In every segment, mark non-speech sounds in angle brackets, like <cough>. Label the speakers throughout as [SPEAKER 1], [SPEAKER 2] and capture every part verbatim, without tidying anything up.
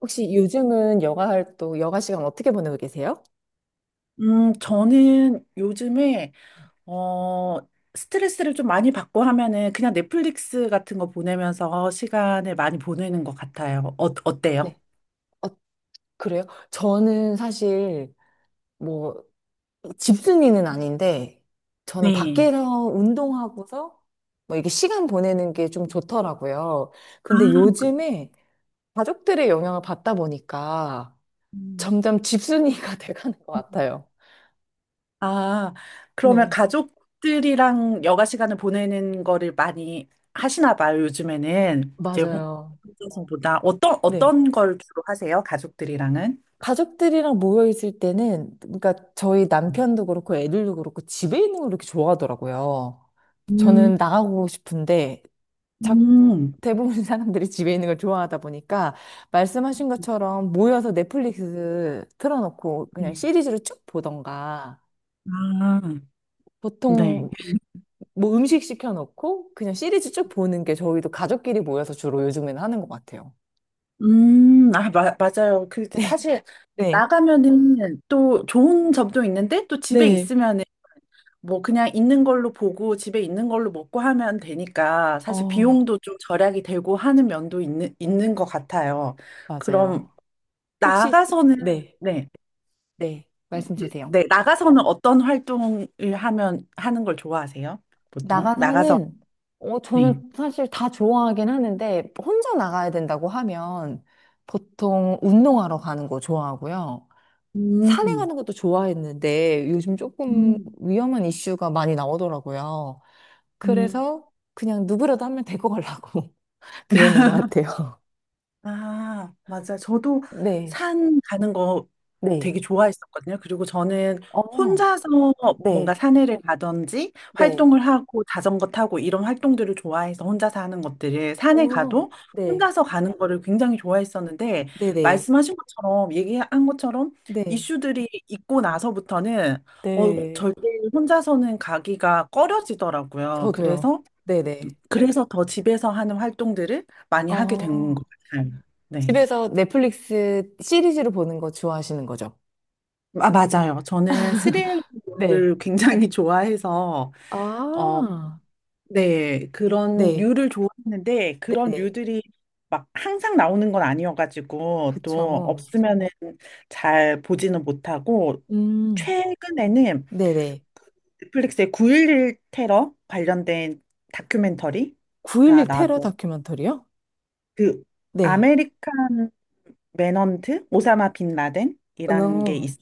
[SPEAKER 1] 혹시 요즘은 여가 활동, 여가 시간 어떻게 보내고 계세요?
[SPEAKER 2] 음, 저는 요즘에, 어, 스트레스를 좀 많이 받고 하면은 그냥 넷플릭스 같은 거 보내면서 시간을 많이 보내는 것 같아요. 어, 어때요?
[SPEAKER 1] 네. 어, 그래요? 저는 사실 뭐 집순이는 아닌데 저는
[SPEAKER 2] 네.
[SPEAKER 1] 밖에서 운동하고서 뭐 이게 시간 보내는 게 좀 좋더라고요.
[SPEAKER 2] 아,
[SPEAKER 1] 근데
[SPEAKER 2] 그-
[SPEAKER 1] 요즘에 가족들의 영향을 받다 보니까
[SPEAKER 2] 음.
[SPEAKER 1] 점점 집순이가 <laughs> 돼가는 것
[SPEAKER 2] 음.
[SPEAKER 1] 같아요.
[SPEAKER 2] 아, 그러면
[SPEAKER 1] 네.
[SPEAKER 2] 가족들이랑 여가 시간을 보내는 거를 많이 하시나 봐요, 요즘에는. 이제
[SPEAKER 1] 맞아요.
[SPEAKER 2] 혼자서보다 어떤,
[SPEAKER 1] 네.
[SPEAKER 2] 어떤 걸 주로 하세요, 가족들이랑은?
[SPEAKER 1] 가족들이랑 모여 있을 때는, 그러니까 저희 남편도 그렇고 애들도 그렇고 집에 있는 걸 이렇게 좋아하더라고요.
[SPEAKER 2] 음,
[SPEAKER 1] 저는 나가고 싶은데, 자,
[SPEAKER 2] 음,
[SPEAKER 1] 대부분 <laughs> 사람들이 집에 있는 걸 좋아하다 보니까, 말씀하신 것처럼 모여서 넷플릭스 틀어놓고 그냥
[SPEAKER 2] 네.
[SPEAKER 1] 시리즈를 쭉 보던가,
[SPEAKER 2] 아, 네.
[SPEAKER 1] 보통 뭐 음식 시켜놓고 그냥 시리즈 쭉 보는 게 저희도 가족끼리 모여서 주로 요즘에는 하는 것 같아요.
[SPEAKER 2] 음, 아, 마, 맞아요. 그,
[SPEAKER 1] 네,
[SPEAKER 2] 사실,
[SPEAKER 1] 네,
[SPEAKER 2] 나가면은 또 좋은 점도 있는데, 또 집에
[SPEAKER 1] 네.
[SPEAKER 2] 있으면은 뭐 그냥 있는 걸로 보고, 집에 있는 걸로 먹고 하면 되니까, 사실
[SPEAKER 1] 어,
[SPEAKER 2] 비용도 좀 절약이 되고 하는 면도 있는, 있는 것 같아요. 그럼,
[SPEAKER 1] 맞아요. 혹시,
[SPEAKER 2] 나가서는,
[SPEAKER 1] 네.
[SPEAKER 2] 네,
[SPEAKER 1] 네, 말씀
[SPEAKER 2] 그,
[SPEAKER 1] 주세요.
[SPEAKER 2] 네, 나가서는 어떤 활동을 하면, 하는 걸 좋아하세요? 보통? 나가서,
[SPEAKER 1] 나가서는, 어,
[SPEAKER 2] 네.
[SPEAKER 1] 저는 사실 다 좋아하긴 하는데, 혼자 나가야 된다고 하면 보통 운동하러 가는 거 좋아하고요. 산에
[SPEAKER 2] 음,
[SPEAKER 1] 가는 것도 좋아했는데, 요즘 조금
[SPEAKER 2] 음,
[SPEAKER 1] 위험한 이슈가 많이 나오더라고요.
[SPEAKER 2] 음.
[SPEAKER 1] 그래서 그냥 누구라도 하면 데리고 가려고 <laughs> 그러는 것 같아요.
[SPEAKER 2] 아, 맞아. 저도
[SPEAKER 1] 네,
[SPEAKER 2] 산 가는 거
[SPEAKER 1] 네,
[SPEAKER 2] 되게 좋아했었거든요. 그리고 저는
[SPEAKER 1] 어,
[SPEAKER 2] 혼자서 뭔가
[SPEAKER 1] 네,
[SPEAKER 2] 산에를 가든지
[SPEAKER 1] 네,
[SPEAKER 2] 활동을 하고 자전거 타고 이런 활동들을 좋아해서 혼자서 하는 것들을 산에
[SPEAKER 1] 어,
[SPEAKER 2] 가도
[SPEAKER 1] 네,
[SPEAKER 2] 혼자서 가는 거를 굉장히 좋아했었는데
[SPEAKER 1] 네네,
[SPEAKER 2] 말씀하신 것처럼 얘기한 것처럼
[SPEAKER 1] 네,
[SPEAKER 2] 이슈들이 있고 나서부터는 어,
[SPEAKER 1] 네,
[SPEAKER 2] 절대 혼자서는 가기가 꺼려지더라고요.
[SPEAKER 1] 저도요.
[SPEAKER 2] 그래서
[SPEAKER 1] 네네.
[SPEAKER 2] 그래서 더 집에서 하는 활동들을 많이 하게 된 것
[SPEAKER 1] 어.
[SPEAKER 2] 같아요. 네.
[SPEAKER 1] 집에서 넷플릭스 시리즈로 보는 거 좋아하시는 거죠?
[SPEAKER 2] 아, 맞아요. 저는 스릴러를
[SPEAKER 1] 네.
[SPEAKER 2] <laughs> 굉장히 좋아해서, 어,
[SPEAKER 1] 아,
[SPEAKER 2] 네. 그런
[SPEAKER 1] 네,
[SPEAKER 2] 류를 좋아했는데 그런
[SPEAKER 1] 네네.
[SPEAKER 2] 류들이 막 항상 나오는 건 아니어가지고, 또
[SPEAKER 1] 그쵸.
[SPEAKER 2] 없으면은 잘 보지는 못하고,
[SPEAKER 1] 음,
[SPEAKER 2] 최근에는
[SPEAKER 1] 네네.
[SPEAKER 2] 넷플릭스의 구일일 테러 관련된 다큐멘터리가
[SPEAKER 1] 구 점 일일 테러
[SPEAKER 2] 나왔고,
[SPEAKER 1] 다큐멘터리요?
[SPEAKER 2] 그
[SPEAKER 1] 네.
[SPEAKER 2] 아메리칸 매넌트 오사마 빈 라덴이라는 게
[SPEAKER 1] 어,
[SPEAKER 2] 있어요.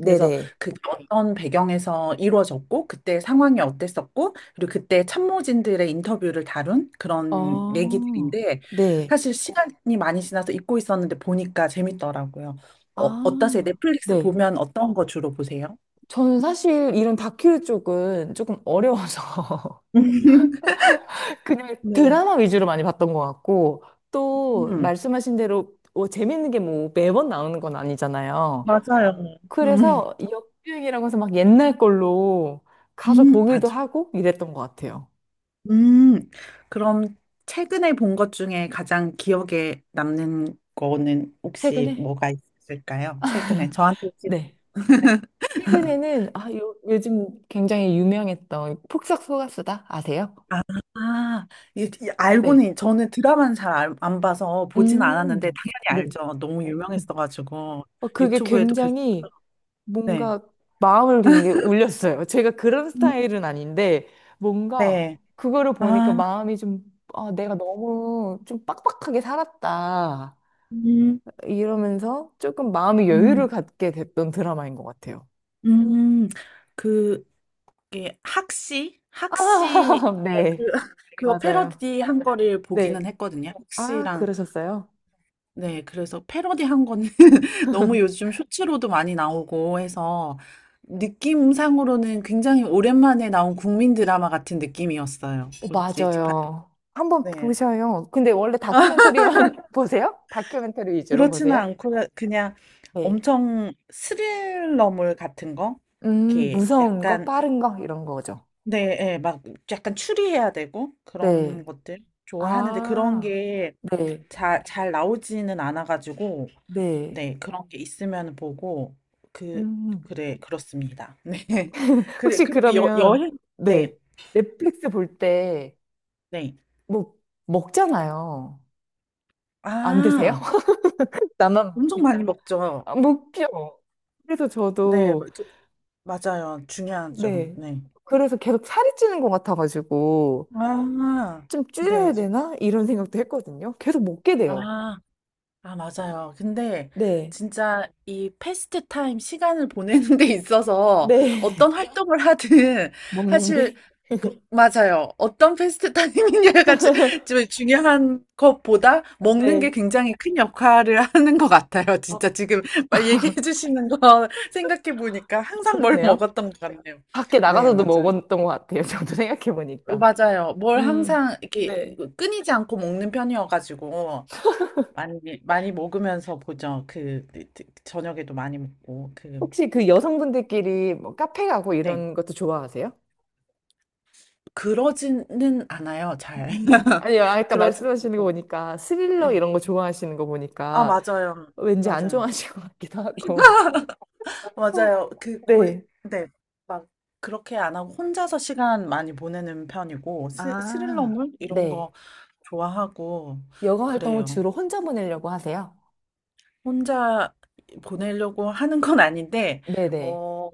[SPEAKER 2] 그래서 그게 어떤 배경에서 이루어졌고, 그때 상황이 어땠었고, 그리고 그때 참모진들의 인터뷰를 다룬 그런
[SPEAKER 1] 어,
[SPEAKER 2] 얘기들인데,
[SPEAKER 1] 네.
[SPEAKER 2] 사실 시간이 많이 지나서 잊고 있었는데 보니까 재밌더라고요. 어, 어떠세요?
[SPEAKER 1] 아,
[SPEAKER 2] 넷플릭스
[SPEAKER 1] 네.
[SPEAKER 2] 보면 어떤 거 주로 보세요?
[SPEAKER 1] 저는 사실 이런 다큐 쪽은 조금 어려워서
[SPEAKER 2] <laughs>
[SPEAKER 1] 그냥
[SPEAKER 2] 네.
[SPEAKER 1] 드라마 위주로 많이 봤던 것 같고, 또
[SPEAKER 2] 음,
[SPEAKER 1] 말씀하신 대로 뭐 재밌는 게 뭐 매번 나오는 건 아니잖아요.
[SPEAKER 2] 맞아요. 음,
[SPEAKER 1] 그래서 역주행이라고 해서 막 옛날 걸로 가서
[SPEAKER 2] 음,
[SPEAKER 1] 보기도
[SPEAKER 2] 맞아.
[SPEAKER 1] 하고 이랬던 것 같아요.
[SPEAKER 2] 음, 그럼 최근에 본 것 중에 가장 기억에 남는 거는 혹시
[SPEAKER 1] 최근에?
[SPEAKER 2] 뭐가 있을까요? 최근에 저한테 혹시
[SPEAKER 1] 네. 최근에는 아, 요, 요즘 굉장히 유명했던 폭싹 속았수다 아세요?
[SPEAKER 2] 아, 이- 이-
[SPEAKER 1] 네.
[SPEAKER 2] 알고는 저는 드라마는 잘 안 봐서 보진
[SPEAKER 1] 음,
[SPEAKER 2] 않았는데
[SPEAKER 1] 네.
[SPEAKER 2] 당연히 알죠. 너무 유명했어가지고
[SPEAKER 1] 어, 그게
[SPEAKER 2] 유튜브에도 계속
[SPEAKER 1] 굉장히
[SPEAKER 2] 네,
[SPEAKER 1] 뭔가 마음을 되게 울렸어요. 제가 그런
[SPEAKER 2] 음,
[SPEAKER 1] 스타일은 아닌데 뭔가
[SPEAKER 2] 네,
[SPEAKER 1] 그거를 보니까
[SPEAKER 2] 아,
[SPEAKER 1] 마음이 좀 아, 내가 너무 좀 빡빡하게 살았다.
[SPEAKER 2] 음,
[SPEAKER 1] 이러면서 조금 마음의 여유를
[SPEAKER 2] 음,
[SPEAKER 1] 갖게 됐던 드라마인 것 같아요.
[SPEAKER 2] 음, 그 게 학시
[SPEAKER 1] 아,
[SPEAKER 2] 학시
[SPEAKER 1] <laughs>
[SPEAKER 2] 그
[SPEAKER 1] 네.
[SPEAKER 2] <laughs> 그거
[SPEAKER 1] 맞아요.
[SPEAKER 2] 패러디 한 거를 보기는
[SPEAKER 1] 네.
[SPEAKER 2] 했거든요.
[SPEAKER 1] 아,
[SPEAKER 2] 학시랑
[SPEAKER 1] 그러셨어요?
[SPEAKER 2] 네, 그래서 패러디한 거는 <laughs> 너무 요즘 쇼츠로도 많이 나오고 해서 느낌상으로는 굉장히 오랜만에 나온 국민 드라마 같은 느낌이었어요.
[SPEAKER 1] 어,
[SPEAKER 2] 솔직히 바-
[SPEAKER 1] 맞아요. 한번
[SPEAKER 2] 네,
[SPEAKER 1] 보셔요. 근데 원래 다큐멘터리만 <laughs> 보세요? 다큐멘터리 위주로
[SPEAKER 2] 그렇지는
[SPEAKER 1] 보세요?
[SPEAKER 2] 않고 그냥
[SPEAKER 1] 네.
[SPEAKER 2] 엄청 스릴러물 같은 거,
[SPEAKER 1] 음,
[SPEAKER 2] 이렇게
[SPEAKER 1] 무서운 거,
[SPEAKER 2] 약간
[SPEAKER 1] 빠른 거, 이런 거죠.
[SPEAKER 2] 네, 예, 막 약간 추리해야 되고 그런
[SPEAKER 1] 네.
[SPEAKER 2] 것들 좋아하는데 그런
[SPEAKER 1] 아,
[SPEAKER 2] 게
[SPEAKER 1] 네,
[SPEAKER 2] 잘 잘 나오지는 않아가지고
[SPEAKER 1] 네.
[SPEAKER 2] 네, 그런 게 있으면 보고, 그,
[SPEAKER 1] 음.
[SPEAKER 2] 그래, 그렇습니다. <laughs> 네. 그래,
[SPEAKER 1] 혹시
[SPEAKER 2] 그리고 여,
[SPEAKER 1] 그러면,
[SPEAKER 2] 여행,
[SPEAKER 1] 네.
[SPEAKER 2] 네,
[SPEAKER 1] 넷플릭스 볼 때,
[SPEAKER 2] 네.
[SPEAKER 1] 뭐, 먹잖아요. 안 드세요?
[SPEAKER 2] 아,
[SPEAKER 1] <laughs> 나만
[SPEAKER 2] 엄청 많이 먹죠.
[SPEAKER 1] 아, 먹죠. 그래서
[SPEAKER 2] 네,
[SPEAKER 1] 저도,
[SPEAKER 2] 그- 맞아요. 중요하죠.
[SPEAKER 1] 네.
[SPEAKER 2] 네.
[SPEAKER 1] 그래서 계속 살이 찌는 것 같아가지고,
[SPEAKER 2] 아,
[SPEAKER 1] 좀
[SPEAKER 2] 네.
[SPEAKER 1] 줄여야 되나? 이런 생각도 했거든요. 계속 먹게 돼요.
[SPEAKER 2] 아. 아, 맞아요. 근데
[SPEAKER 1] 네.
[SPEAKER 2] 진짜 이 패스트 타임 시간을 보내는 <laughs> 데 있어서
[SPEAKER 1] 네.
[SPEAKER 2] 어떤 활동을 하든
[SPEAKER 1] <laughs> 먹는
[SPEAKER 2] 사실
[SPEAKER 1] 게.
[SPEAKER 2] 그- 맞아요. 어떤 패스트 타임이냐가 지- 지금 중요한 것보다 먹는 게
[SPEAKER 1] 네.
[SPEAKER 2] 굉장히 큰 역할을 하는 것 같아요.
[SPEAKER 1] 아,
[SPEAKER 2] 진짜 지금 막 얘기해 주시는 거 생각해 보니까 항상 뭘
[SPEAKER 1] 그러네요.
[SPEAKER 2] 먹었던 것 같네요.
[SPEAKER 1] 밖에
[SPEAKER 2] 네,
[SPEAKER 1] 나가서도
[SPEAKER 2] 맞아요.
[SPEAKER 1] 먹었던 것 같아요. <laughs> 저도 생각해보니까.
[SPEAKER 2] 맞아요. 뭘
[SPEAKER 1] 음.
[SPEAKER 2] 항상 이렇게
[SPEAKER 1] 네.
[SPEAKER 2] 끊이지 않고 먹는 편이어가지고. 많이 많이 먹으면서 보죠. 그, 그, 그 저녁에도 많이 먹고 그
[SPEAKER 1] 혹시 그 여성분들끼리 뭐 카페 가고
[SPEAKER 2] 네.
[SPEAKER 1] 이런 것도 좋아하세요?
[SPEAKER 2] 그러지는 않아요. 잘.
[SPEAKER 1] 음,
[SPEAKER 2] <laughs>
[SPEAKER 1] 아니요, 아까
[SPEAKER 2] 그러지는
[SPEAKER 1] 말씀하시는 거
[SPEAKER 2] 않고.
[SPEAKER 1] 보니까 스릴러
[SPEAKER 2] 네.
[SPEAKER 1] 이런 거 좋아하시는 거
[SPEAKER 2] 아,
[SPEAKER 1] 보니까
[SPEAKER 2] 맞아요.
[SPEAKER 1] 왠지 안
[SPEAKER 2] 맞아요.
[SPEAKER 1] 좋아하실 <laughs> 것 같기도 하고. <laughs>
[SPEAKER 2] 맞아요. 그 거의
[SPEAKER 1] 네.
[SPEAKER 2] 네. 막 그렇게 안 하고 혼자서 시간 많이 보내는 편이고 스,
[SPEAKER 1] 아,
[SPEAKER 2] 스릴러물 이런
[SPEAKER 1] 네.
[SPEAKER 2] 거 좋아하고
[SPEAKER 1] 여가 활동을
[SPEAKER 2] 그래요.
[SPEAKER 1] 주로 혼자 보내려고 하세요?
[SPEAKER 2] 혼자 보내려고 하는 건 아닌데
[SPEAKER 1] 네네.
[SPEAKER 2] 어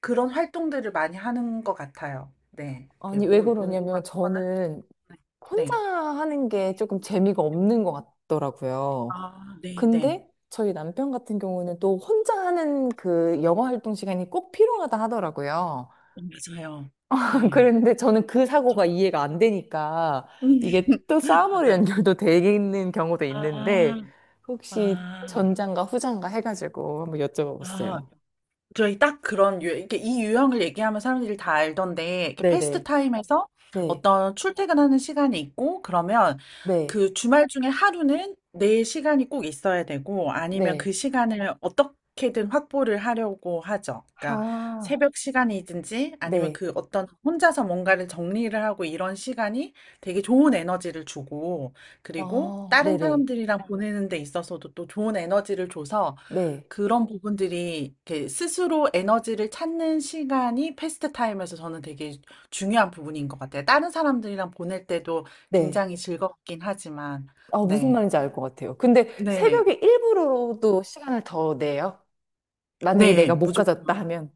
[SPEAKER 2] 그런 활동들을 많이 하는 것 같아요. 네. 이렇게
[SPEAKER 1] 아니, 왜
[SPEAKER 2] 운 운동을
[SPEAKER 1] 그러냐면
[SPEAKER 2] 하거나
[SPEAKER 1] 저는
[SPEAKER 2] 네.
[SPEAKER 1] 혼자
[SPEAKER 2] 네.
[SPEAKER 1] 하는 게 조금 재미가 없는 것 같더라고요.
[SPEAKER 2] 아 네네.
[SPEAKER 1] 근데 저희 남편 같은 경우는 또 혼자 하는 그 영어 활동 시간이 꼭 필요하다 하더라고요.
[SPEAKER 2] 어 맞아요.
[SPEAKER 1] <laughs>
[SPEAKER 2] 네.
[SPEAKER 1] 그런데 저는 그 사고가
[SPEAKER 2] 저는
[SPEAKER 1] 이해가 안 되니까
[SPEAKER 2] 음
[SPEAKER 1] 이게 또 싸움으로
[SPEAKER 2] 맞아요.
[SPEAKER 1] 연결도 되는 경우도
[SPEAKER 2] 아.
[SPEAKER 1] 있는데 혹시
[SPEAKER 2] 아.
[SPEAKER 1] 전장과 후장과 해가지고 한번
[SPEAKER 2] 아.
[SPEAKER 1] 여쭤봐봤어요.
[SPEAKER 2] 저희 딱 그런 유, 이렇게 이 유형을 얘기하면 사람들이 다 알던데 이렇게 패스트
[SPEAKER 1] 네네.
[SPEAKER 2] 타임에서
[SPEAKER 1] 네.
[SPEAKER 2] 어떤 출퇴근하는 시간이 있고 그러면
[SPEAKER 1] 네.
[SPEAKER 2] 그 주말 중에 하루는 내 시간이 꼭 있어야 되고 아니면 그
[SPEAKER 1] 네.
[SPEAKER 2] 시간을 어떻게든 확보를 하려고 하죠. 그러니까
[SPEAKER 1] 아,
[SPEAKER 2] 새벽 시간이든지 아니면
[SPEAKER 1] 네.
[SPEAKER 2] 그 어떤 혼자서 뭔가를 정리를 하고 이런 시간이 되게 좋은 에너지를 주고 그리고
[SPEAKER 1] 어,
[SPEAKER 2] 다른
[SPEAKER 1] 네네.
[SPEAKER 2] 사람들이랑 보내는 데 있어서도 또 좋은 에너지를 줘서
[SPEAKER 1] 네.
[SPEAKER 2] 그런 부분들이 이렇게 스스로 에너지를 찾는 시간이 패스트 타임에서 저는 되게 중요한 부분인 것 같아요. 다른 사람들이랑 보낼 때도
[SPEAKER 1] 네.
[SPEAKER 2] 굉장히 즐겁긴 하지만,
[SPEAKER 1] 아, 무슨
[SPEAKER 2] 네,
[SPEAKER 1] 말인지 알 것 같아요. 근데
[SPEAKER 2] 네,
[SPEAKER 1] 새벽에 일부러도 시간을 더 내요? 만약에
[SPEAKER 2] 네,
[SPEAKER 1] 내가 못 가졌다 하면.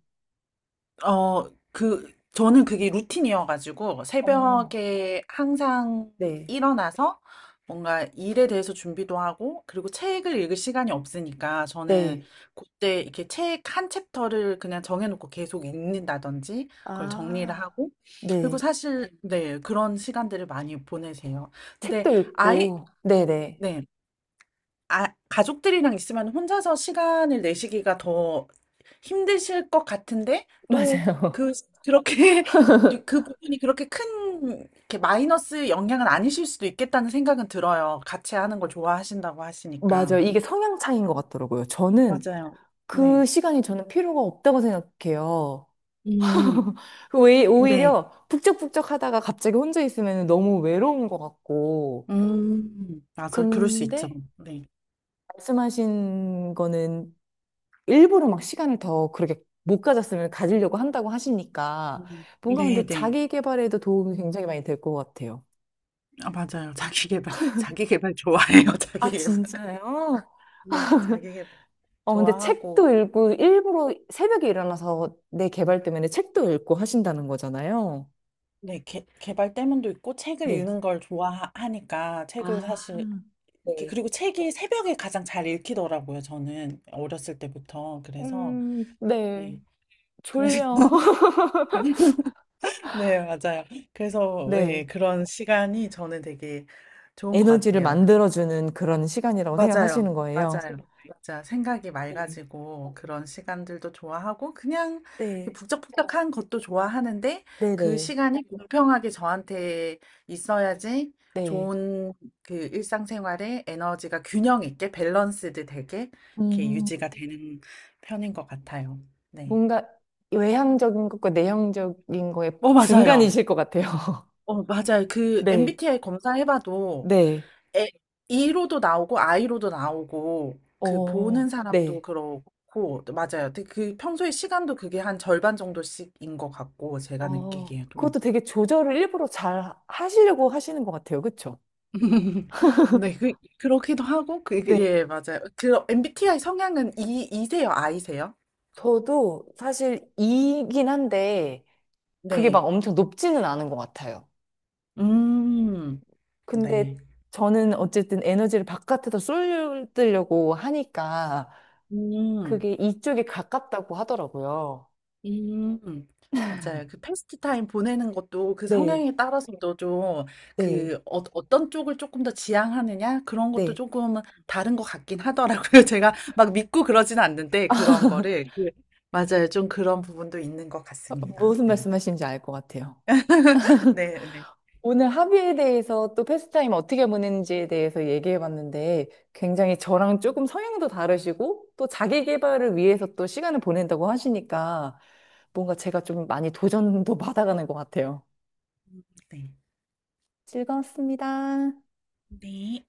[SPEAKER 2] 어, 그, 저는 그게 루틴이어가지고
[SPEAKER 1] 어,
[SPEAKER 2] 새벽에 항상
[SPEAKER 1] 네,
[SPEAKER 2] 일어나서 뭔가 일에 대해서 준비도 하고 그리고 책을 읽을 시간이 없으니까 저는
[SPEAKER 1] 네.
[SPEAKER 2] 그때 이렇게 책 한 챕터를 그냥 정해놓고 계속 읽는다든지 그걸 정리를
[SPEAKER 1] 아,
[SPEAKER 2] 하고 그리고
[SPEAKER 1] 네.
[SPEAKER 2] 사실 네, 그런 시간들을 많이 보내세요. 근데
[SPEAKER 1] 책도
[SPEAKER 2] 아이,
[SPEAKER 1] 읽고, 네네.
[SPEAKER 2] 네. 아, 가족들이랑 있으면 혼자서 시간을 내시기가 더 힘드실 것 같은데 또
[SPEAKER 1] 맞아요.
[SPEAKER 2] 그 그렇게 <laughs> 그 그 부분이 그렇게 큰 이렇게 마이너스 영향은 아니실 수도 있겠다는 생각은 들어요. 같이 하는 걸 좋아하신다고
[SPEAKER 1] <laughs>
[SPEAKER 2] 하시니까.
[SPEAKER 1] 맞아요. 이게 성향 차이인 것 같더라고요. 저는
[SPEAKER 2] 맞아요.
[SPEAKER 1] 그
[SPEAKER 2] 네.
[SPEAKER 1] 시간이 저는 필요가 없다고 생각해요.
[SPEAKER 2] 음.
[SPEAKER 1] <laughs> 왜,
[SPEAKER 2] 네.
[SPEAKER 1] 오히려 북적북적 하다가 갑자기 혼자 있으면 너무 외로운 것 같고.
[SPEAKER 2] 음. 맞아. 그럴 수 있죠.
[SPEAKER 1] 근데
[SPEAKER 2] 네.
[SPEAKER 1] 말씀하신 거는 일부러 막 시간을 더 그렇게 못 가졌으면 가지려고 한다고 하시니까
[SPEAKER 2] 음.
[SPEAKER 1] 뭔가
[SPEAKER 2] 네,
[SPEAKER 1] 근데
[SPEAKER 2] 네.
[SPEAKER 1] 자기 개발에도 도움이 굉장히 많이 될 것 같아요.
[SPEAKER 2] 아, 맞아요. <laughs> 자기 개발. 자기 개발 좋아해요. <laughs> 자기
[SPEAKER 1] 아,
[SPEAKER 2] 개발.
[SPEAKER 1] 진짜요?
[SPEAKER 2] 네, 자기 개발.
[SPEAKER 1] 어, 근데
[SPEAKER 2] 좋아하고
[SPEAKER 1] 책도 읽고 일부러 새벽에 일어나서 내 개발 때문에 책도 읽고 하신다는 거잖아요.
[SPEAKER 2] 네, 개, 개발 때문도 있고 책을
[SPEAKER 1] 네.
[SPEAKER 2] 읽는 걸 좋아하니까
[SPEAKER 1] 아,
[SPEAKER 2] 책을 사실 그-
[SPEAKER 1] 네.
[SPEAKER 2] 그리고 책이 새벽에 가장 잘 읽히더라고요, 저는. 어렸을 때부터. 그래서,
[SPEAKER 1] 음, 네.
[SPEAKER 2] 네. 그래서,
[SPEAKER 1] 졸려. <laughs>
[SPEAKER 2] <laughs> 네, 맞아요. 그래서, 네,
[SPEAKER 1] 네.
[SPEAKER 2] 그런 시간이 저는 되게 좋은 것
[SPEAKER 1] 에너지를
[SPEAKER 2] 같아요.
[SPEAKER 1] 만들어주는 그런 시간이라고
[SPEAKER 2] 맞아요.
[SPEAKER 1] 생각하시는 거예요.
[SPEAKER 2] 맞아요. 아 맞아. 생각이
[SPEAKER 1] 네.
[SPEAKER 2] 맑아지고 그런 시간들도 좋아하고 그냥 이렇게 어.
[SPEAKER 1] 네.
[SPEAKER 2] 북적북적한 것도 좋아하는데 그
[SPEAKER 1] 네네.
[SPEAKER 2] 시간이 네. 공평하게 저한테 있어야지
[SPEAKER 1] 네.
[SPEAKER 2] 좋은 그 일상생활에 에너지가 균형 있게 밸런스드 되게 이렇게
[SPEAKER 1] 음.
[SPEAKER 2] 유지가 되는 편인 것 같아요. 네.
[SPEAKER 1] 뭔가 외향적인 것과 내향적인 거의
[SPEAKER 2] 어, 맞아요.
[SPEAKER 1] 중간이실 것 같아요. <laughs>
[SPEAKER 2] 어, 맞아요. 그
[SPEAKER 1] 네,
[SPEAKER 2] 엠비티아이 검사해봐도
[SPEAKER 1] 네,
[SPEAKER 2] 에, 이로도 나오고 아이로도 나오고 그 보는
[SPEAKER 1] 어,
[SPEAKER 2] 사람도
[SPEAKER 1] 네.
[SPEAKER 2] 그렇고 또 맞아요. 근데 그 평소에 시간도 그게 한 절반 정도씩인 것 같고 제가
[SPEAKER 1] 어,
[SPEAKER 2] 느끼기에도.
[SPEAKER 1] 그것도 되게 조절을 일부러 잘 하시려고 하시는 것 같아요. 그쵸?
[SPEAKER 2] <laughs> 네, 그 그렇기도 하고 그 그-
[SPEAKER 1] 네.
[SPEAKER 2] 예, 맞아요. 그 엠비티아이 성향은 E E세요, 아이세요?
[SPEAKER 1] 저도 사실 이긴 한데 그게 막
[SPEAKER 2] 네.
[SPEAKER 1] 엄청 높지는 않은 것 같아요.
[SPEAKER 2] 음.
[SPEAKER 1] 근데
[SPEAKER 2] 네.
[SPEAKER 1] 저는 어쨌든 에너지를 바깥에서 쏠려고 하니까
[SPEAKER 2] 음.
[SPEAKER 1] 그게 이쪽에 가깝다고 하더라고요.
[SPEAKER 2] 음, 맞아요. 그 패스트 타임 보내는 것도 그
[SPEAKER 1] 네,
[SPEAKER 2] 성향에 따라서도 좀
[SPEAKER 1] 네,
[SPEAKER 2] 그 어, 어떤 쪽을 조금 더 지향하느냐 그런 것도
[SPEAKER 1] 네.
[SPEAKER 2] 조금은 다른 것 같긴 하더라고요. <laughs> 제가 막 믿고 그러진 않는데 그런 거를 그, 맞아요. 좀 그런 부분도 있는 것 같습니다.
[SPEAKER 1] 무슨
[SPEAKER 2] 네.
[SPEAKER 1] 말씀하시는지 알 것 같아요.
[SPEAKER 2] <laughs> 네, 네,
[SPEAKER 1] 오늘 합의에 대해서 또 패스타임 어떻게 보내는지에 대해서 얘기해 봤는데 굉장히 저랑 조금 성향도 다르시고 또 자기 개발을 위해서 또 시간을 보낸다고 하시니까 뭔가 제가 좀 많이 도전도 <laughs> 받아가는 것 같아요.
[SPEAKER 2] 네.
[SPEAKER 1] 즐거웠습니다.
[SPEAKER 2] 네.